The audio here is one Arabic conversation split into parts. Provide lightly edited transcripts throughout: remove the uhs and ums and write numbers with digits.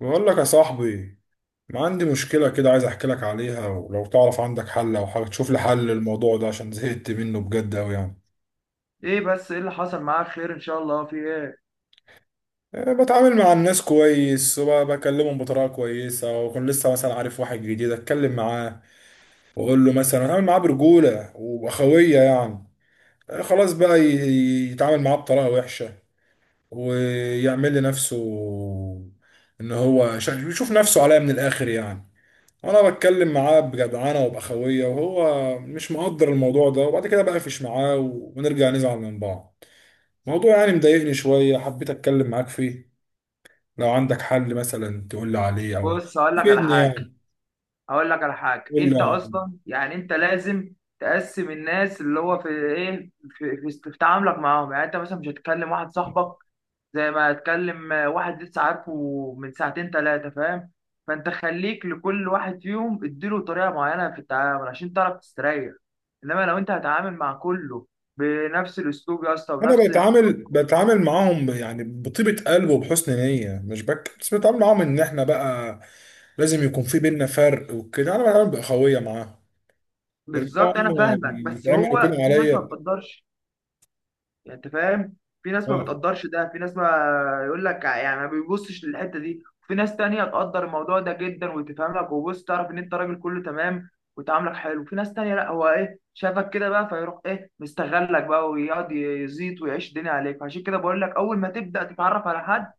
بقول لك يا صاحبي، ما عندي مشكلة كده عايز احكي لك عليها، ولو تعرف عندك حل او حاجة تشوف لي حل للموضوع ده عشان زهقت منه بجد اوي يعني. ايه؟ بس ايه اللي حصل معاك؟ خير ان شاء الله، في ايه؟ أه، بتعامل مع الناس كويس وبكلمهم بطريقة كويسة وأكون لسه مثلا عارف واحد جديد أتكلم معاه وأقول له مثلا أتعامل معاه برجولة وأخوية يعني. أه، خلاص بقى يتعامل معاه بطريقة وحشة ويعمل لنفسه إن هو يشوف نفسه عليا من الآخر يعني. انا بتكلم معاه بجدعنه وباخويه وهو مش مقدر الموضوع ده وبعد كده بقفش معاه ونرجع نزعل من بعض. موضوع يعني مضايقني شويه حبيت اتكلم معاك فيه، لو عندك حل مثلا تقول لي عليه او بص، هقول لك على تفيدني حاجه. يعني. هقول لك على حاجه، قول لي انت يا معلم. اصلا يعني انت لازم تقسم الناس اللي هو في ايه في تعاملك معاهم. يعني انت مثلا مش هتكلم واحد صاحبك زي ما هتكلم واحد لسه عارفه من ساعتين ثلاثه، فاهم؟ فانت خليك لكل واحد فيهم اديله طريقه معينه في التعامل عشان تعرف تستريح. انما لو انت هتعامل مع كله بنفس الاسلوب يا اسطى، انا ونفس… بتعامل معاهم يعني بطيبه قلب وبحسن نيه مش بك، بس بتعامل معاهم ان احنا بقى لازم يكون في بينا فرق وكده، انا بتعامل باخويه معاهم. يرجعوا بالظبط، انا هم فاهمك. بس يتعملوا كده هو في ناس ما عليا. بتقدرش، يعني انت فاهم. في ناس ما اه بتقدرش، ده في ناس ما يقول لك يعني ما بيبصش للحته دي. في ناس تانية تقدر الموضوع ده جدا، وتفهم لك وبص تعرف ان انت راجل كله تمام وتعاملك حلو. في ناس تانية لا، هو ايه شافك كده بقى، فيروح ايه مستغلك بقى ويقعد يزيط ويعيش الدنيا عليك. عشان كده بقول لك، اول ما تبدا تتعرف على حد،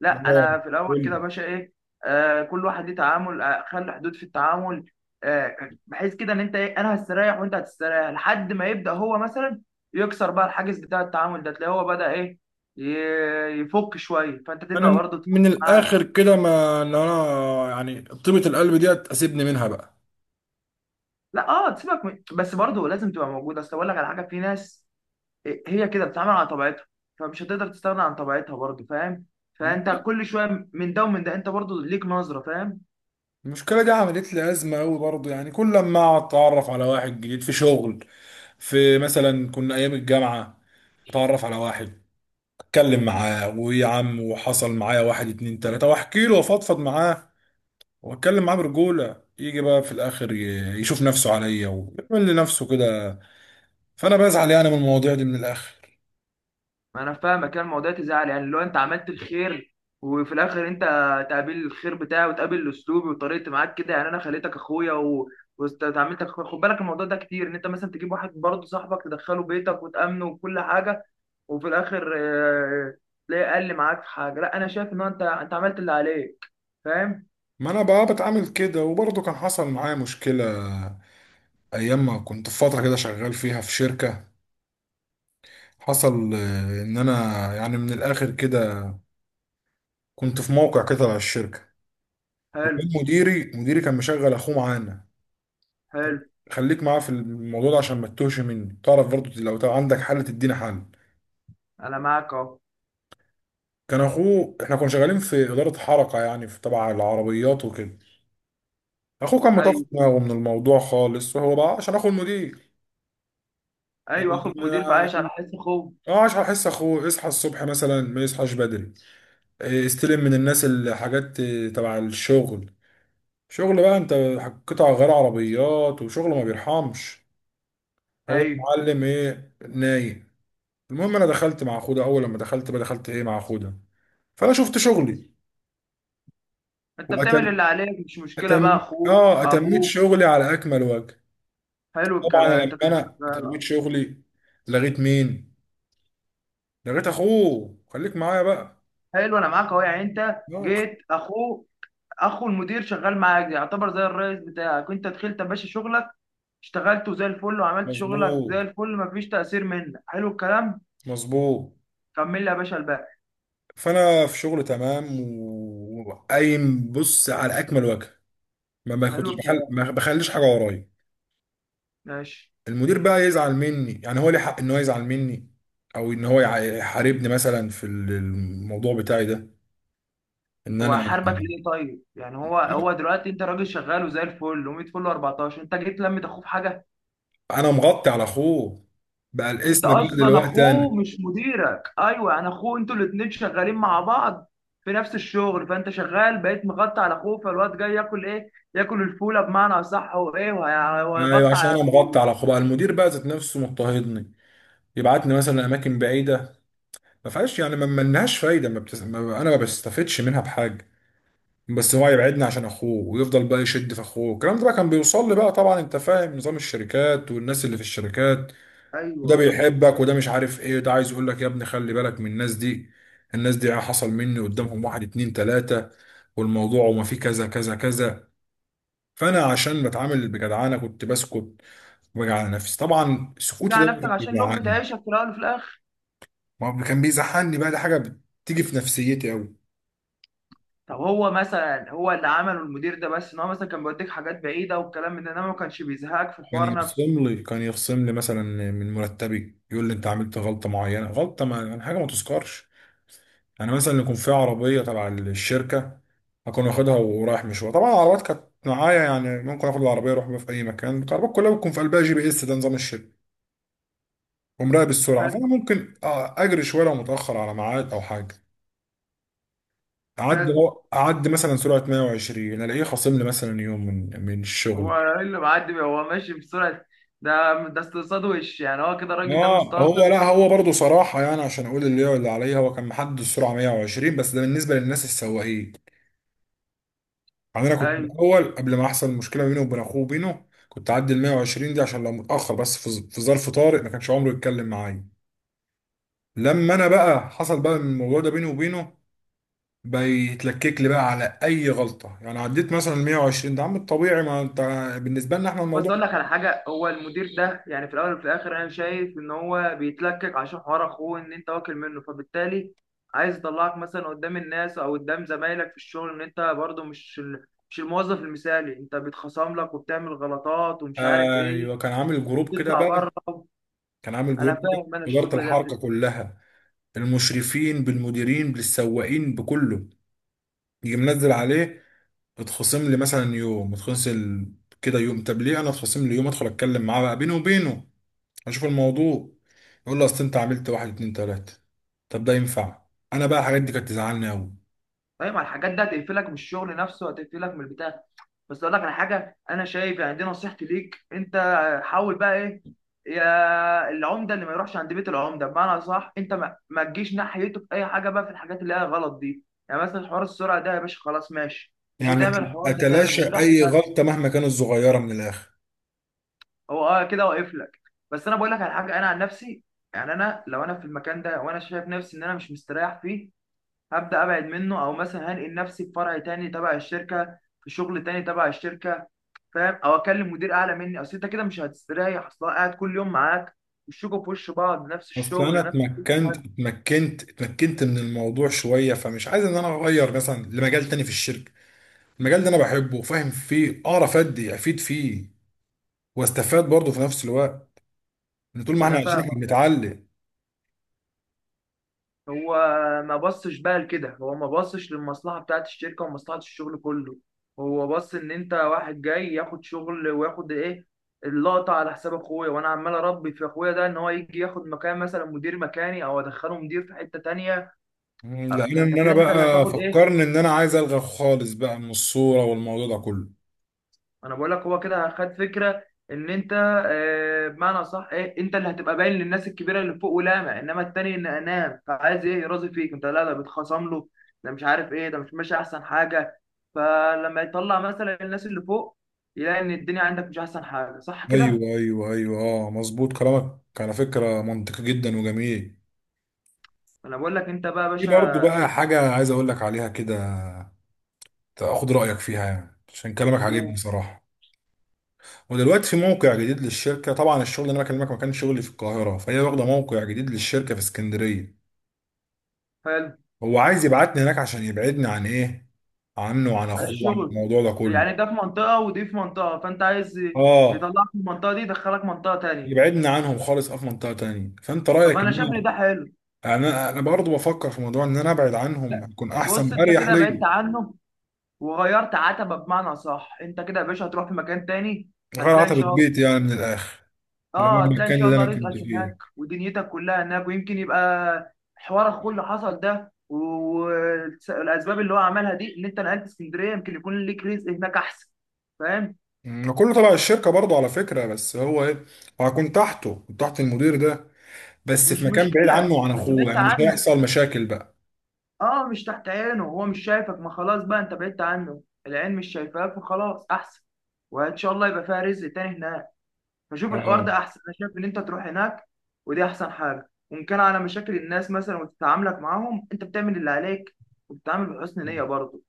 لا، اه انا في الاول قول كده لي. يا باشا ايه، كل واحد ليه تعامل. خلي حدود في التعامل، بحيث كده ان انت ايه، انا هستريح وانت هتستريح، لحد ما يبدا هو مثلا يكسر بقى الحاجز بتاع التعامل ده. تلاقيه هو بدا ايه، يفك شويه، فانت انا تبدا برضه تفك من معاه. الاخر كده، ما ان انا يعني طيبة القلب دي اسيبني منها بقى. لا، اه، تسيبك من… بس برضه لازم تبقى موجود. اصل اقول لك على حاجه، في ناس هي كده بتتعامل على طبيعتها، فمش هتقدر تستغنى عن طبيعتها برضه، فاهم؟ فانت كل شويه من ده ومن ده، انت برضه ليك نظره، فاهم. المشكله دي عملت لي ازمه قوي برضه، يعني كل لما اتعرف على واحد جديد في شغل، في مثلا كنا ايام الجامعه اتعرف على واحد اتكلم معاه ويا عم، وحصل معايا واحد اتنين تلاته واحكي له وافضفض معاه واتكلم معاه برجوله، يجي بقى في الاخر يشوف نفسه عليا ويعمل لنفسه كده. فانا بزعل يعني من المواضيع دي من الاخر. ما انا فاهمك، كان الموضوع تزعل يعني لو انت عملت الخير وفي الاخر انت تقابل الخير بتاعي وتقابل اسلوبي وطريقتي معاك كده. يعني انا خليتك اخويا و… وتعاملتك اخويا، خد بالك الموضوع ده كتير، ان انت مثلا تجيب واحد برضه صاحبك تدخله بيتك وتامنه وكل حاجه، وفي الاخر تلاقيه اقل معاك في حاجه. لا انا شايف ان هو انت عملت اللي عليك، فاهم. ما انا بقى بتعامل كده وبرضه كان حصل معايا مشكلة ايام ما كنت في فترة كده شغال فيها في شركة. حصل ان انا يعني من الاخر كده كنت في موقع كده على الشركة، حلو. وكان مديري كان مشغل اخوه معانا. طب حلو. خليك معاه في الموضوع ده عشان ما تتوهش مني، تعرف برضه لو عندك حل تدينا حل. انا معاك اهو. كان اخوه، احنا كنا شغالين في إدارة حركة يعني في تبع العربيات وكده. اخوه كان مطفي ايوه. دماغه من الموضوع خالص، وهو بقى عشان اخو المدير ايوه، اخو المدير في عايش على حس اخوه. اه، اصحى احس اخوه يصحى الصبح مثلا ما يصحاش بدري. إيه، يستلم من الناس الحاجات إيه، تبع الشغل. شغل بقى انت، قطع غير عربيات وشغل ما بيرحمش. هو ايوه، المعلم ايه نايم. المهم انا دخلت مع اخوه ده، اول لما دخلت بقى دخلت ايه مع اخوه ده، فانا شفت شغلي انت بتعمل واتم اللي عليك، مش مشكله بقى أتم... اخوه اه اتميت ابوه. شغلي على اكمل وجه. حلو طبعا الكلام انت لما كده. انا شغال اتميت اه. شغلي لغيت مين، لغيت اخوه خليك معايا بقى. حلو، انا معاك اهو. يعني انت آه، جيت، اخوه، اخو المدير شغال معاك يعتبر زي الرئيس بتاعك. انت دخلت يا باشا شغلك، اشتغلته زي الفل وعملت شغلك زي مظبوط الفل، مفيش تأثير منك. حلو الكلام. مظبوط. كمل لي يا باشا الباقي. فانا في شغل تمام وقايم بص على اكمل وجه، ما حلو باخدش بحل الكلام، ما بخليش حاجه ورايا. ماشي. المدير بقى يزعل مني يعني، هو ليه حق ان هو يزعل مني او ان هو يحاربني مثلا في الموضوع بتاعي ده، ان هو انا هيحاربك ليه طيب؟ يعني هو دلوقتي انت راجل شغال وزي الفل، و100 فل و14، انت جيت لمت اخوه في حاجه. انا مغطي على اخوه، بقى انت الاسم بقى اصلا دلوقتي اخوه انا. مش مديرك، ايوه انا اخوه، انتوا الاتنين شغالين مع بعض في نفس الشغل. فانت شغال بقيت مغطي على اخوه، فالواد جاي ياكل ايه، ياكل الفوله بمعنى اصح، وايه ايوه وهيغطي عشان انا على مغطي اخوه. على اخوه بقى المدير بقى ذات نفسه مضطهدني، يبعتني مثلا اماكن بعيده ما فيهاش، يعني ما لهاش فايده، ما انا ما بستفدش منها بحاجه، بس هو يبعدنا عشان اخوه ويفضل بقى يشد في اخوه. الكلام ده بقى كان بيوصل لي بقى، طبعا انت فاهم نظام الشركات والناس اللي في الشركات، ايوه، وده ايوه. بيحبك وده مش عارف ايه، ده عايز يقول لك يا ابني خلي بالك من الناس دي. الناس دي حصل مني قدامهم واحد اتنين تلاتة والموضوع وما فيه كذا كذا كذا. فانا عشان بتعامل بجدعانه كنت بسكت وبجي على نفسي. طبعا تيجي سكوتي ده على نفسك كان عشان الام بيجعلني، بتعيشك في الاول وفي الاخر. ما هو كان بيزعلني بقى، ده حاجه بتيجي في نفسيتي قوي. طب هو مثلا هو اللي عمله المدير ده، بس ان هو مثلا كان بيوديك حاجات بعيده والكلام من ده، انما ما كانش بيزهقك في كان الحوار نفسه. يخصم لي كان يخصم لي مثلا من مرتبي، يقول لي انت عملت غلطه معينه، غلطه ما يعني حاجه ما تذكرش. يعني مثلا يكون في عربيه تبع الشركه اكون واخدها ورايح مشوار، طبعا العربيات كانت معايا يعني ممكن اخد العربيه اروح بيها في اي مكان، العربيات كلها بتكون في قلبها جي بي اس، ده نظام الشركه ومراقب السرعه. حلو. فانا ممكن اجري شويه لو متاخر على ميعاد او حاجه، اعدي حلو. اعدي مثلا سرعه 120 الاقيه خاصم لي مثلا يوم من الشغل. هو ايه اللي معدي بيه؟ هو ماشي بسرعه؟ ده استقصاد وش، يعني هو كده الراجل ده اه، هو مستقصد. لا هو برضه صراحه يعني عشان اقول اللي هو اللي عليا، هو كان محدد السرعه 120 بس ده بالنسبه للناس السواقين، يعني انا كنت ايوه. الاول قبل ما احصل مشكله بيني وبين اخوه وبينه كنت اعدي ال 120 دي عشان لو متاخر، بس في في ظرف طارئ ما كانش عمره يتكلم معايا. لما انا بقى حصل بقى الموضوع ده بيني وبينه بيتلكك لي بقى على اي غلطه، يعني عديت مثلا ال 120 ده عم الطبيعي، ما انت بالنسبه لنا احنا بس الموضوع. اقول لك على حاجه، هو المدير ده يعني في الاول وفي الاخر انا شايف ان هو بيتلكك عشان حوار اخوه، ان انت واكل منه. فبالتالي عايز يطلعك مثلا قدام الناس او قدام زمايلك في الشغل ان انت برضه مش الموظف المثالي، انت بيتخصم لك وبتعمل غلطات ومش عارف ايه، ايوه كان عامل جروب كده وبتطلع بقى، بره. كان عامل انا جروب كده فاهم، انا إدارة الشغل ده. الحركة كلها المشرفين بالمديرين بالسواقين بكله، يجي منزل عليه. اتخصم لي مثلا يوم اتخصم كده يوم، طب ليه انا اتخصم لي يوم؟ ادخل اتكلم معاه بقى بيني وبينه اشوف الموضوع، يقول له اصل انت عملت واحد اتنين تلاته، طب ده ينفع؟ انا بقى الحاجات دي كانت تزعلني قوي. طيب ما الحاجات دي هتقفلك من الشغل نفسه وهتقفلك من البتاع. بس اقول لك على حاجه، انا شايف يعني دي نصيحتي ليك انت، حاول بقى ايه، يا العمده اللي ما يروحش عند بيت العمده، بمعنى صح، انت ما تجيش ناحيته في اي حاجه بقى في الحاجات اللي هي غلط دي. يعني مثلا حوار السرعه ده يا باشا، خلاص ماشي، مش يعني هتعمل الحوار ده تاني اتلاشى وتريح اي دماغك. غلطه مهما كانت صغيره من الاخر. هو اه كده واقف لك. بس انا بقول لك على حاجه، انا عن نفسي، يعني انا لو انا في المكان ده وانا شايف نفسي ان انا مش مستريح فيه، هبدا ابعد منه، او مثلا هنقل نفسي في فرع تاني تبع الشركه، في شغل تاني تبع الشركه، فاهم؟ او اكلم مدير اعلى مني. اصل انت كده مش هتستريح، اصل هو قاعد كل يوم معاك، وشكوا في وش بعض، نفس اصل انا الشغل، نفس كل اتمكنت حاجه. اتمكنت اتمكنت من الموضوع شويه، فمش عايز ان انا اغير مثلا لمجال تاني في الشركه. المجال ده انا بحبه وفاهم فيه اعرف ادي افيد فيه واستفاد برضه في نفس الوقت، ان طول ما احنا انا عايشين احنا فاهمك آه. بنتعلم. هو ما بصش بقى لكده، هو ما بصش للمصلحه بتاعت الشركه ومصلحه الشغل كله. هو بص ان انت واحد جاي ياخد شغل وياخد ايه، اللقطه على حساب اخويا، وانا عمال اربي في اخويا ده ان هو يجي ياخد مكان مثلا مدير مكاني، او ادخله مدير في حته تانيه. لان فانت ان انا كده انت اللي بقى هتاخد ايه. فكرني ان انا عايز الغى خالص بقى من الصورة والموضوع ده كله. انا بقول لك هو كده خد فكره ان انت بمعنى صح ايه، انت اللي هتبقى باين للناس الكبيره اللي فوق ولامع، انما التاني ان انام فعايز ايه يراضي فيك، انت لا ده بيتخاصم له، ده مش عارف ايه، ده مش ماشي احسن حاجه. فلما يطلع مثلا الناس اللي فوق، يلاقي ان الدنيا عندك مش احسن حاجه، صح كده. ايوه ايوه ايوه اه، مظبوط كلامك على فكرة منطقي جدا وجميل. انا بقول لك انت بقى يا في باشا. برضه بقى انت. حاجة عايز اقول لك عليها كده، تاخد رأيك فيها يعني عشان كلامك عاجبني حقوق. صراحة. ودلوقتي في موقع جديد للشركة، طبعا الشغل اللي انا بكلمك ما كانش شغلي في القاهرة، فهي واخدة موقع جديد للشركة في اسكندرية. حلو. هو عايز يبعتني هناك عشان يبعدني عن ايه، عنه وعن عن اخوه. وعن الشغل. الموضوع ده كله. يعني ده في منطقه ودي في منطقه، فانت عايز اه يطلعك من المنطقه دي يدخلك منطقه تانيه. يبعدني عنهم خالص في منطقه تانية، فانت طب رايك انا ان شايف ان انا، ده حلو. يعني انا برضه بفكر في موضوع ان انا ابعد عنهم هتكون احسن بص انت واريح كده بعدت ليا. عنه وغيرت عتبه، بمعنى صح، انت كده يا باشا هتروح في مكان تاني. غير هتلاقي ان عتبه شاء الله. بيتي يعني من الاخر، اللي هو اه هتلاقي ان المكان شاء اللي الله انا رزقك كنت فيه. هناك ودنيتك كلها هناك، ويمكن يبقى حوار اخوه اللي حصل ده والاسباب اللي هو عملها دي، ان انت نقلت اسكندريه، يمكن يكون ليك رزق هناك احسن. فاهم. كله تبع الشركه برضه على فكره، بس هو ايه، هكون تحته، كنت تحت المدير ده بس في مش مكان بعيد مشكله، عنه وعن بس اخوه بعدت يعني مش عنه. هيحصل مشاكل بقى. اه، مش تحت عينه، هو مش شايفك، ما خلاص بقى، انت بعدت عنه، العين مش شايفاك فخلاص احسن. وان شاء الله يبقى فيها رزق تاني هناك. فشوف الحوار اه ده احسن، انا شايف ان انت تروح هناك، ودي احسن حاجه. وان كان على مشاكل الناس مثلا وتتعاملك معاهم، انت بتعمل اللي عليك وبتتعامل بحسن آه. نيه برضه،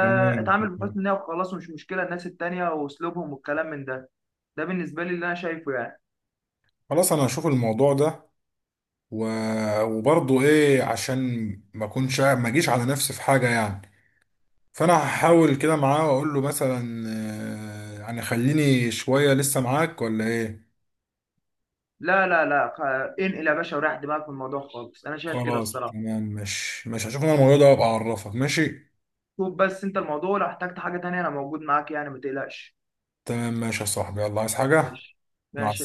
تمام تمام. بحسن نيه وخلاص، ومش مشكله الناس التانيه واسلوبهم والكلام من ده. ده بالنسبه لي اللي انا شايفه يعني. خلاص انا هشوف الموضوع ده و... وبرضه ايه عشان ما اكونش ما اجيش على نفسي في حاجه يعني. فانا هحاول كده معاه واقول له مثلا آه، يعني خليني شويه لسه معاك ولا ايه. لا لا لا، انقل يا باشا وريح دماغك من الموضوع خالص، انا شايف كده خلاص الصراحه. تمام، مش هشوف انا الموضوع ده وابقى اعرفك ماشي. شوف بس انت الموضوع، لو احتجت حاجه تانيه انا موجود معاك يعني، ما تقلقش. تمام ماشي يا صاحبي، يلا عايز حاجه. ماشي. مع ماشي.